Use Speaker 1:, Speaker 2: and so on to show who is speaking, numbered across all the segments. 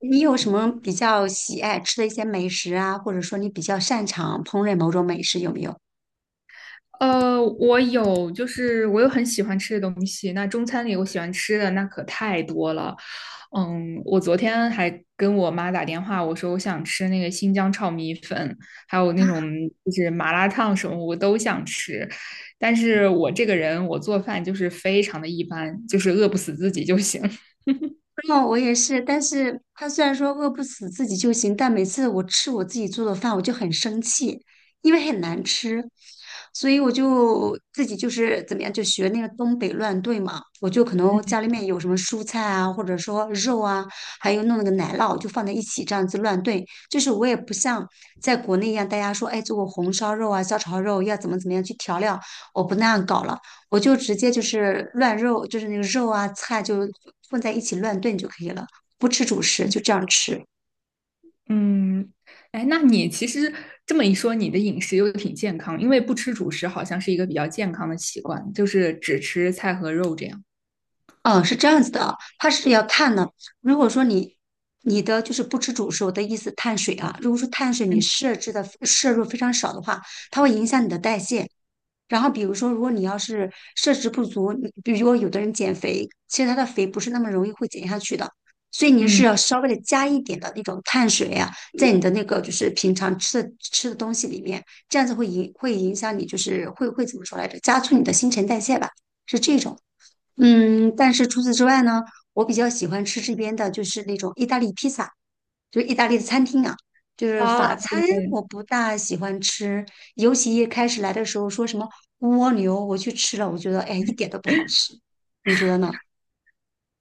Speaker 1: 你有什么比较喜爱吃的一些美食啊，或者说你比较擅长烹饪某种美食，有没有？
Speaker 2: 我有，就是我有很喜欢吃的东西。那中餐里我喜欢吃的那可太多了。嗯，我昨天还跟我妈打电话，我说我想吃那个新疆炒米粉，还有那种就是麻辣烫什么，我都想吃。但是我这个人，我做饭就是非常的一般，就是饿不死自己就行。
Speaker 1: 哦，我也是，但是他虽然说饿不死自己就行，但每次我吃我自己做的饭，我就很生气，因为很难吃，所以我就自己就是怎么样，就学那个东北乱炖嘛，我就可能家里面有什么蔬菜啊，或者说肉啊，还有弄那个奶酪，就放在一起这样子乱炖。就是我也不像在国内一样，大家说，哎，做个红烧肉啊、小炒肉要怎么怎么样去调料，我不那样搞了。我就直接就是乱肉，就是那个肉啊菜就混在一起乱炖就可以了，不吃主食，就这样吃。
Speaker 2: 嗯。哎，那你其实这么一说，你的饮食又挺健康，因为不吃主食好像是一个比较健康的习惯，就是只吃菜和肉这样。
Speaker 1: 嗯，是这样子的啊，它是要看呢。如果说你的就是不吃主食，我的意思碳水啊，如果说碳水你
Speaker 2: 嗯。
Speaker 1: 摄制的摄入非常少的话，它会影响你的代谢，然后比如说，如果你要是摄食不足，你比如说有的人减肥，其实他的肥不是那么容易会减下去的，所以你是
Speaker 2: 嗯。
Speaker 1: 要稍微的加一点的那种碳水啊，在你的那个就是平常吃的东西里面，这样子会影响你，就是会怎么说来着？加速你的新陈代谢吧，是这种。嗯，但是除此之外呢，我比较喜欢吃这边的就是那种意大利披萨。就是意大利的餐厅啊，就是
Speaker 2: 啊，
Speaker 1: 法餐
Speaker 2: 对对对，
Speaker 1: 我不大喜欢吃，尤其一开始来的时候说什么蜗牛，我去吃了，我觉得哎一点都不好吃，你觉得呢？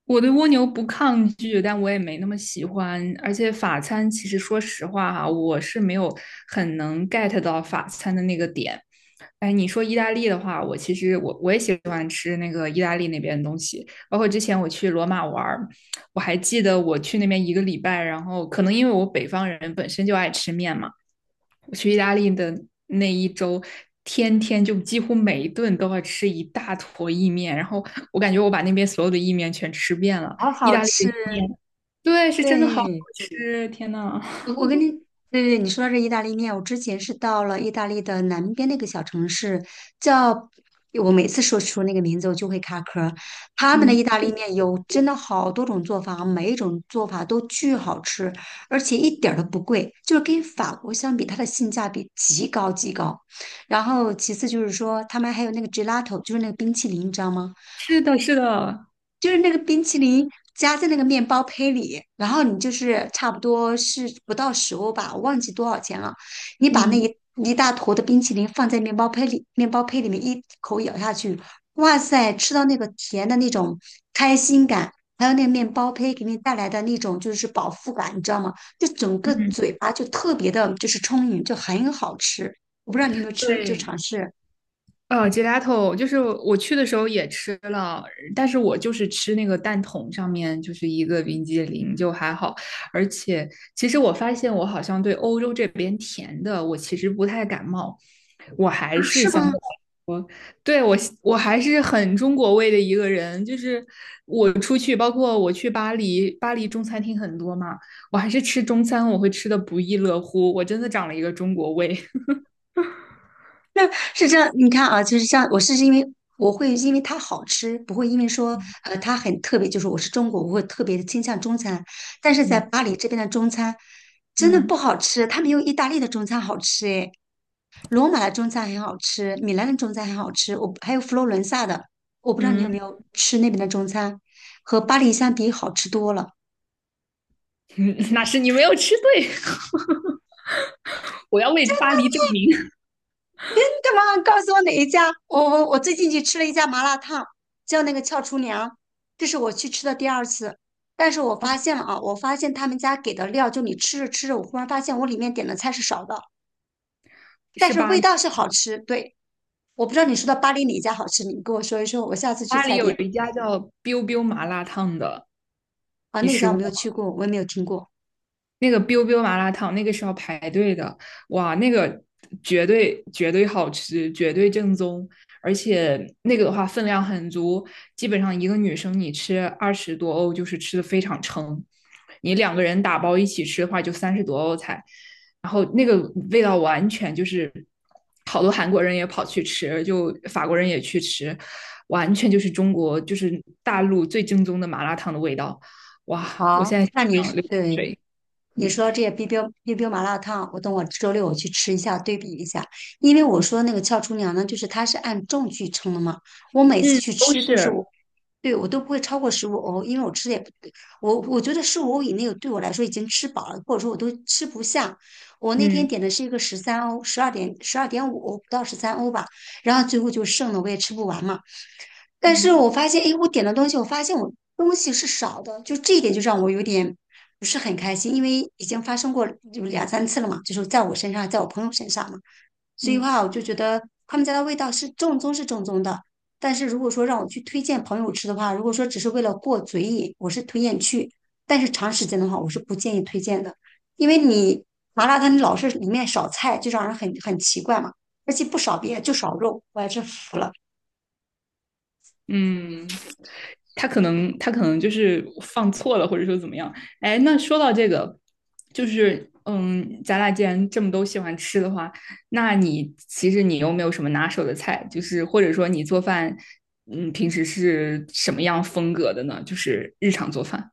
Speaker 2: 我对蜗牛不抗拒，但我也没那么喜欢。而且法餐，其实说实话哈、我是没有很能 get 到法餐的那个点。哎，你说意大利的话，我其实我也喜欢吃那个意大利那边的东西。包括之前我去罗马玩儿，我还记得我去那边一个礼拜，然后可能因为我北方人本身就爱吃面嘛。我去意大利的那一周，天天就几乎每一顿都要吃一大坨意面，然后我感觉我把那边所有的意面全吃遍了。
Speaker 1: 好
Speaker 2: 意
Speaker 1: 好
Speaker 2: 大利的
Speaker 1: 吃，
Speaker 2: 意面，对，是真的好好
Speaker 1: 对，
Speaker 2: 吃，天呐。
Speaker 1: 我跟你，对对，对你说到这意大利面，我之前是到了意大利的南边那个小城市，叫我每次说出那个名字，我就会卡壳儿。他们的意
Speaker 2: 嗯。
Speaker 1: 大利面有真的好多种做法，每一种做法都巨好吃，而且一点儿都不贵，就是跟法国相比，它的性价比极高极高。然后其次就是说，他们还有那个 gelato，就是那个冰淇淋，你知道吗？
Speaker 2: 是的，是的。
Speaker 1: 就是那个冰淇淋夹在那个面包胚里，然后你就是差不多是不到10欧吧，我忘记多少钱了。你把
Speaker 2: 嗯
Speaker 1: 一大坨的冰淇淋放在面包胚里，面包胚里面一口咬下去，哇塞，吃到那个甜的那种开心感，还有那个面包胚给你带来的那种就是饱腹感，你知道吗？就整个
Speaker 2: 嗯。
Speaker 1: 嘴巴就特别的，就是充盈，就很好吃。我不知道你有没有吃，就
Speaker 2: 对，
Speaker 1: 尝试啊？
Speaker 2: gelato 就是我去的时候也吃了，但是我就是吃那个蛋筒上面就是一个冰激凌，就还好。而且其实我发现我好像对欧洲这边甜的我其实不太感冒。
Speaker 1: 是吗？
Speaker 2: 对，我还是很中国味的一个人，就是我出去，包括我去巴黎，巴黎中餐厅很多嘛，我还是吃中餐，我会吃的不亦乐乎，我真的长了一个中国胃。
Speaker 1: 那是这样，你看啊，就是像我是因为我会因为它好吃，不会因为说它很特别，就是我是中国，我会特别的倾向中餐。但是在
Speaker 2: 嗯
Speaker 1: 巴黎这边的中餐真的不
Speaker 2: 嗯
Speaker 1: 好吃，它没有意大利的中餐好吃诶。罗马的中餐很好吃，米兰的中餐很好吃，我还有佛罗伦萨的，我不知道你
Speaker 2: 嗯。
Speaker 1: 有没有吃那边的中餐，和巴黎相比好吃多了。
Speaker 2: 那是你没有吃对。我要为巴黎证明。
Speaker 1: 干嘛告诉我哪一家？我最近去吃了一家麻辣烫，叫那个俏厨娘，这是我去吃的第二次。但是我发现了啊，我发现他们家给的料，就你吃着吃着，我忽然发现我里面点的菜是少的，但
Speaker 2: 是
Speaker 1: 是
Speaker 2: 巴
Speaker 1: 味
Speaker 2: 黎。
Speaker 1: 道是好吃。对，我不知道你说的巴黎哪一家好吃，你跟我说一说，我下次去
Speaker 2: 巴黎
Speaker 1: 踩
Speaker 2: 有
Speaker 1: 点
Speaker 2: 一家叫 biu biu 麻辣烫的，
Speaker 1: 啊。
Speaker 2: 你
Speaker 1: 那
Speaker 2: 吃
Speaker 1: 家我没有
Speaker 2: 过？
Speaker 1: 去过，我也没有听过。
Speaker 2: 那个 biu biu 麻辣烫，那个是要排队的，哇，那个绝对绝对好吃，绝对正宗，而且那个的话分量很足，基本上一个女生你吃二十多欧就是吃的非常撑，你两个人打包一起吃的话就三十多欧才，然后那个味道完全就是好多韩国人也跑去吃，就法国人也去吃，完全就是中国就是大陆最正宗的麻辣烫的味道，哇，我
Speaker 1: 好，
Speaker 2: 现在
Speaker 1: 那你
Speaker 2: 想
Speaker 1: 是
Speaker 2: 流口
Speaker 1: 对
Speaker 2: 水。
Speaker 1: 你
Speaker 2: 嗯。
Speaker 1: 说这些 BB 冰冰麻辣烫，我等我周六我去吃一下，对比一下。因为我说那个俏厨娘呢，就是它是按重去称的嘛。我每次
Speaker 2: 嗯，
Speaker 1: 去
Speaker 2: 都
Speaker 1: 吃都是
Speaker 2: 是。
Speaker 1: 我，对我都不会超过十五欧，因为我吃的也不，我觉得十五欧以内对我来说已经吃饱了，或者说我都吃不下。我那天
Speaker 2: 嗯
Speaker 1: 点的是一个十三欧，12.5欧不到十三欧吧，然后最后就剩了，我也吃不完嘛。但是
Speaker 2: 嗯
Speaker 1: 我发现，哎，我点的东西，我发现我东西是少的，就这一点就让我有点不是很开心，因为已经发生过就两三次了嘛，就是在我身上，在我朋友身上嘛，所以
Speaker 2: 嗯
Speaker 1: 话我就觉得他们家的味道是正宗是正宗的，但是如果说让我去推荐朋友吃的话，如果说只是为了过嘴瘾，我是推荐去，但是长时间的话，我是不建议推荐的，因为你麻辣烫你老是里面少菜，就让人很奇怪嘛，而且不少别的就少肉，我也是服了。
Speaker 2: 嗯。他可能就是放错了，或者说怎么样？哎，那说到这个，就是嗯，咱俩既然这么都喜欢吃的话，那你其实你有没有什么拿手的菜？就是或者说你做饭，嗯，平时是什么样风格的呢？就是日常做饭。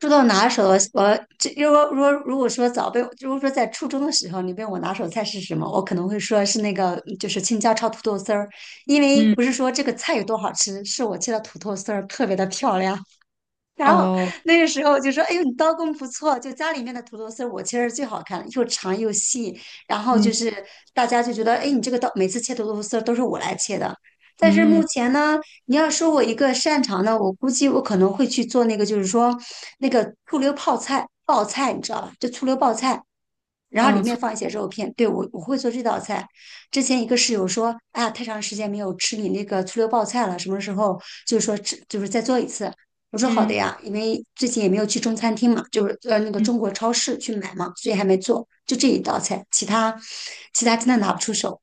Speaker 1: 说到拿手我这如果说在初中的时候，你问我拿手菜是什么，我可能会说是那个就是青椒炒土豆丝儿，因为
Speaker 2: 嗯。
Speaker 1: 不是说这个菜有多好吃，是我切的土豆丝儿特别的漂亮，然后
Speaker 2: 哦。
Speaker 1: 那个时候就说：“哎呦，你刀工不错，就家里面的土豆丝我切是最好看的，又长又细。然后就
Speaker 2: 嗯
Speaker 1: 是大家就觉得，哎，你这个刀每次切土豆丝都是我来切的。但是目
Speaker 2: 嗯。
Speaker 1: 前呢，你要说我一个擅长的，我估计我可能会去做那个，就是说那个醋溜泡菜，爆菜，你知道吧？就醋溜爆菜。”然后里
Speaker 2: 哦。
Speaker 1: 面放一些肉片。对，我会做这道菜。之前一个室友说，哎呀，太长时间没有吃你那个醋溜爆菜了，什么时候就是说吃，就是再做一次。我说好的
Speaker 2: 嗯
Speaker 1: 呀，因为最近也没有去中餐厅嘛，就是那个
Speaker 2: 嗯。
Speaker 1: 中国超市去买嘛，所以还没做，就这一道菜，其他真的拿不出手。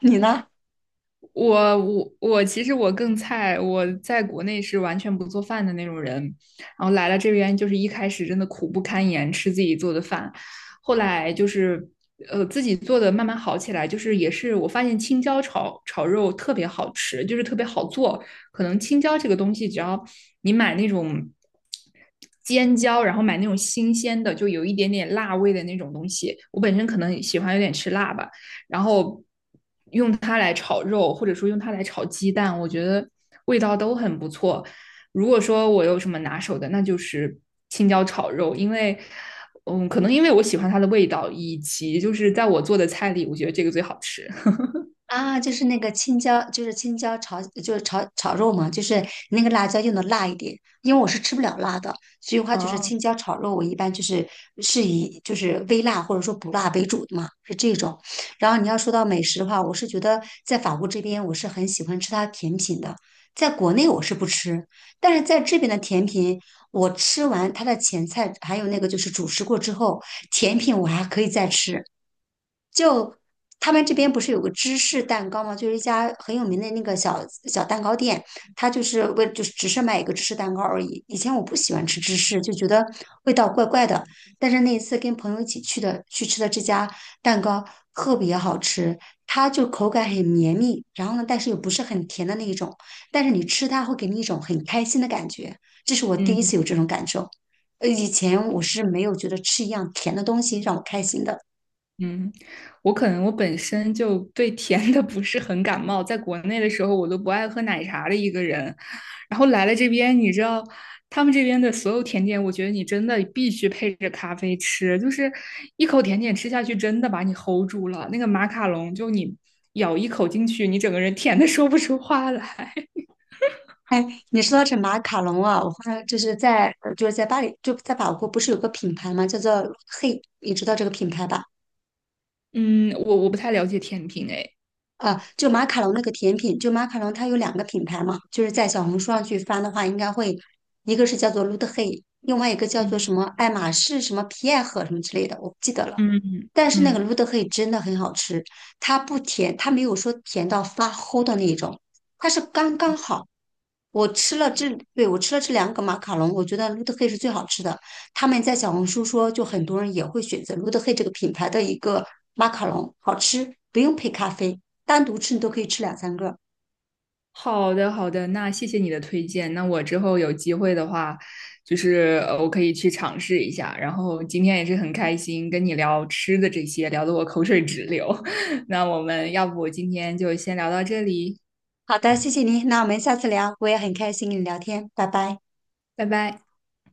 Speaker 1: 你呢？
Speaker 2: 我其实我更菜，我在国内是完全不做饭的那种人，然后来了这边就是一开始真的苦不堪言，吃自己做的饭，后来就是自己做的慢慢好起来，就是也是我发现青椒炒肉特别好吃，就是特别好做，可能青椒这个东西只要你买那种。尖椒，然后买那种新鲜的，就有一点点辣味的那种东西。我本身可能喜欢有点吃辣吧，然后用它来炒肉，或者说用它来炒鸡蛋，我觉得味道都很不错。如果说我有什么拿手的，那就是青椒炒肉，因为，嗯，可能因为我喜欢它的味道，以及就是在我做的菜里，我觉得这个最好吃。
Speaker 1: 啊，就是那个青椒，就是青椒炒，就是炒肉嘛，就是那个辣椒用的辣一点，因为我是吃不了辣的，所以的话就是
Speaker 2: 哦。
Speaker 1: 青椒炒肉，我一般就是是以就是微辣或者说不辣为主的嘛，是这种。然后你要说到美食的话，我是觉得在法国这边我是很喜欢吃它的甜品的，在国内我是不吃，但是在这边的甜品，我吃完它的前菜还有那个就是主食过之后，甜品我还可以再吃。就他们这边不是有个芝士蛋糕吗？就是一家很有名的那个小小蛋糕店，它就是为就是只是卖一个芝士蛋糕而已。以前我不喜欢吃芝士，就觉得味道怪怪的。但是那一次跟朋友一起去的，去吃的这家蛋糕特别好吃，它就口感很绵密，然后呢，但是又不是很甜的那一种，但是你吃它会给你一种很开心的感觉，这是我第
Speaker 2: 嗯
Speaker 1: 一次有这种感受。以前我是没有觉得吃一样甜的东西让我开心的。
Speaker 2: 嗯。我可能我本身就对甜的不是很感冒，在国内的时候我都不爱喝奶茶的一个人，然后来了这边，你知道他们这边的所有甜点，我觉得你真的必须配着咖啡吃，就是一口甜点吃下去，真的把你 hold 住了。那个马卡龙，就你咬一口进去，你整个人甜的说不出话来。
Speaker 1: 哎，你说到这马卡龙啊，我后来就是在就是在巴黎，就在法国，不是有个品牌吗？叫做 Hey，你知道这个品牌吧？
Speaker 2: 嗯。我不太了解甜品，哎。
Speaker 1: 啊，就马卡龙那个甜品，就马卡龙它有两个品牌嘛，就是在小红书上去翻的话，应该会一个是叫做 l o t t Hey，另外一个叫做
Speaker 2: 嗯
Speaker 1: 什么爱马仕什么皮埃赫什么之类的，我不记得了。
Speaker 2: 嗯
Speaker 1: 但是那个
Speaker 2: 嗯。
Speaker 1: 芦德黑真的很好吃，它不甜，它没有说甜到发齁的那一种，它是刚刚好。我
Speaker 2: 是。
Speaker 1: 吃了这，对，我吃了这两个马卡龙，我觉得卢德黑是最好吃的。他们在小红书说，就很多人也会选择卢德黑这个品牌的一个马卡龙，好吃，不用配咖啡，单独吃你都可以吃两三个。
Speaker 2: 好的，好的，那谢谢你的推荐。那我之后有机会的话，就是我可以去尝试一下。然后今天也是很开心跟你聊吃的这些，聊得我口水直流。那我们要不今天就先聊到这里，
Speaker 1: 好的，谢谢您，那我们下次聊，我也很开心跟你聊天，拜拜。
Speaker 2: 拜拜。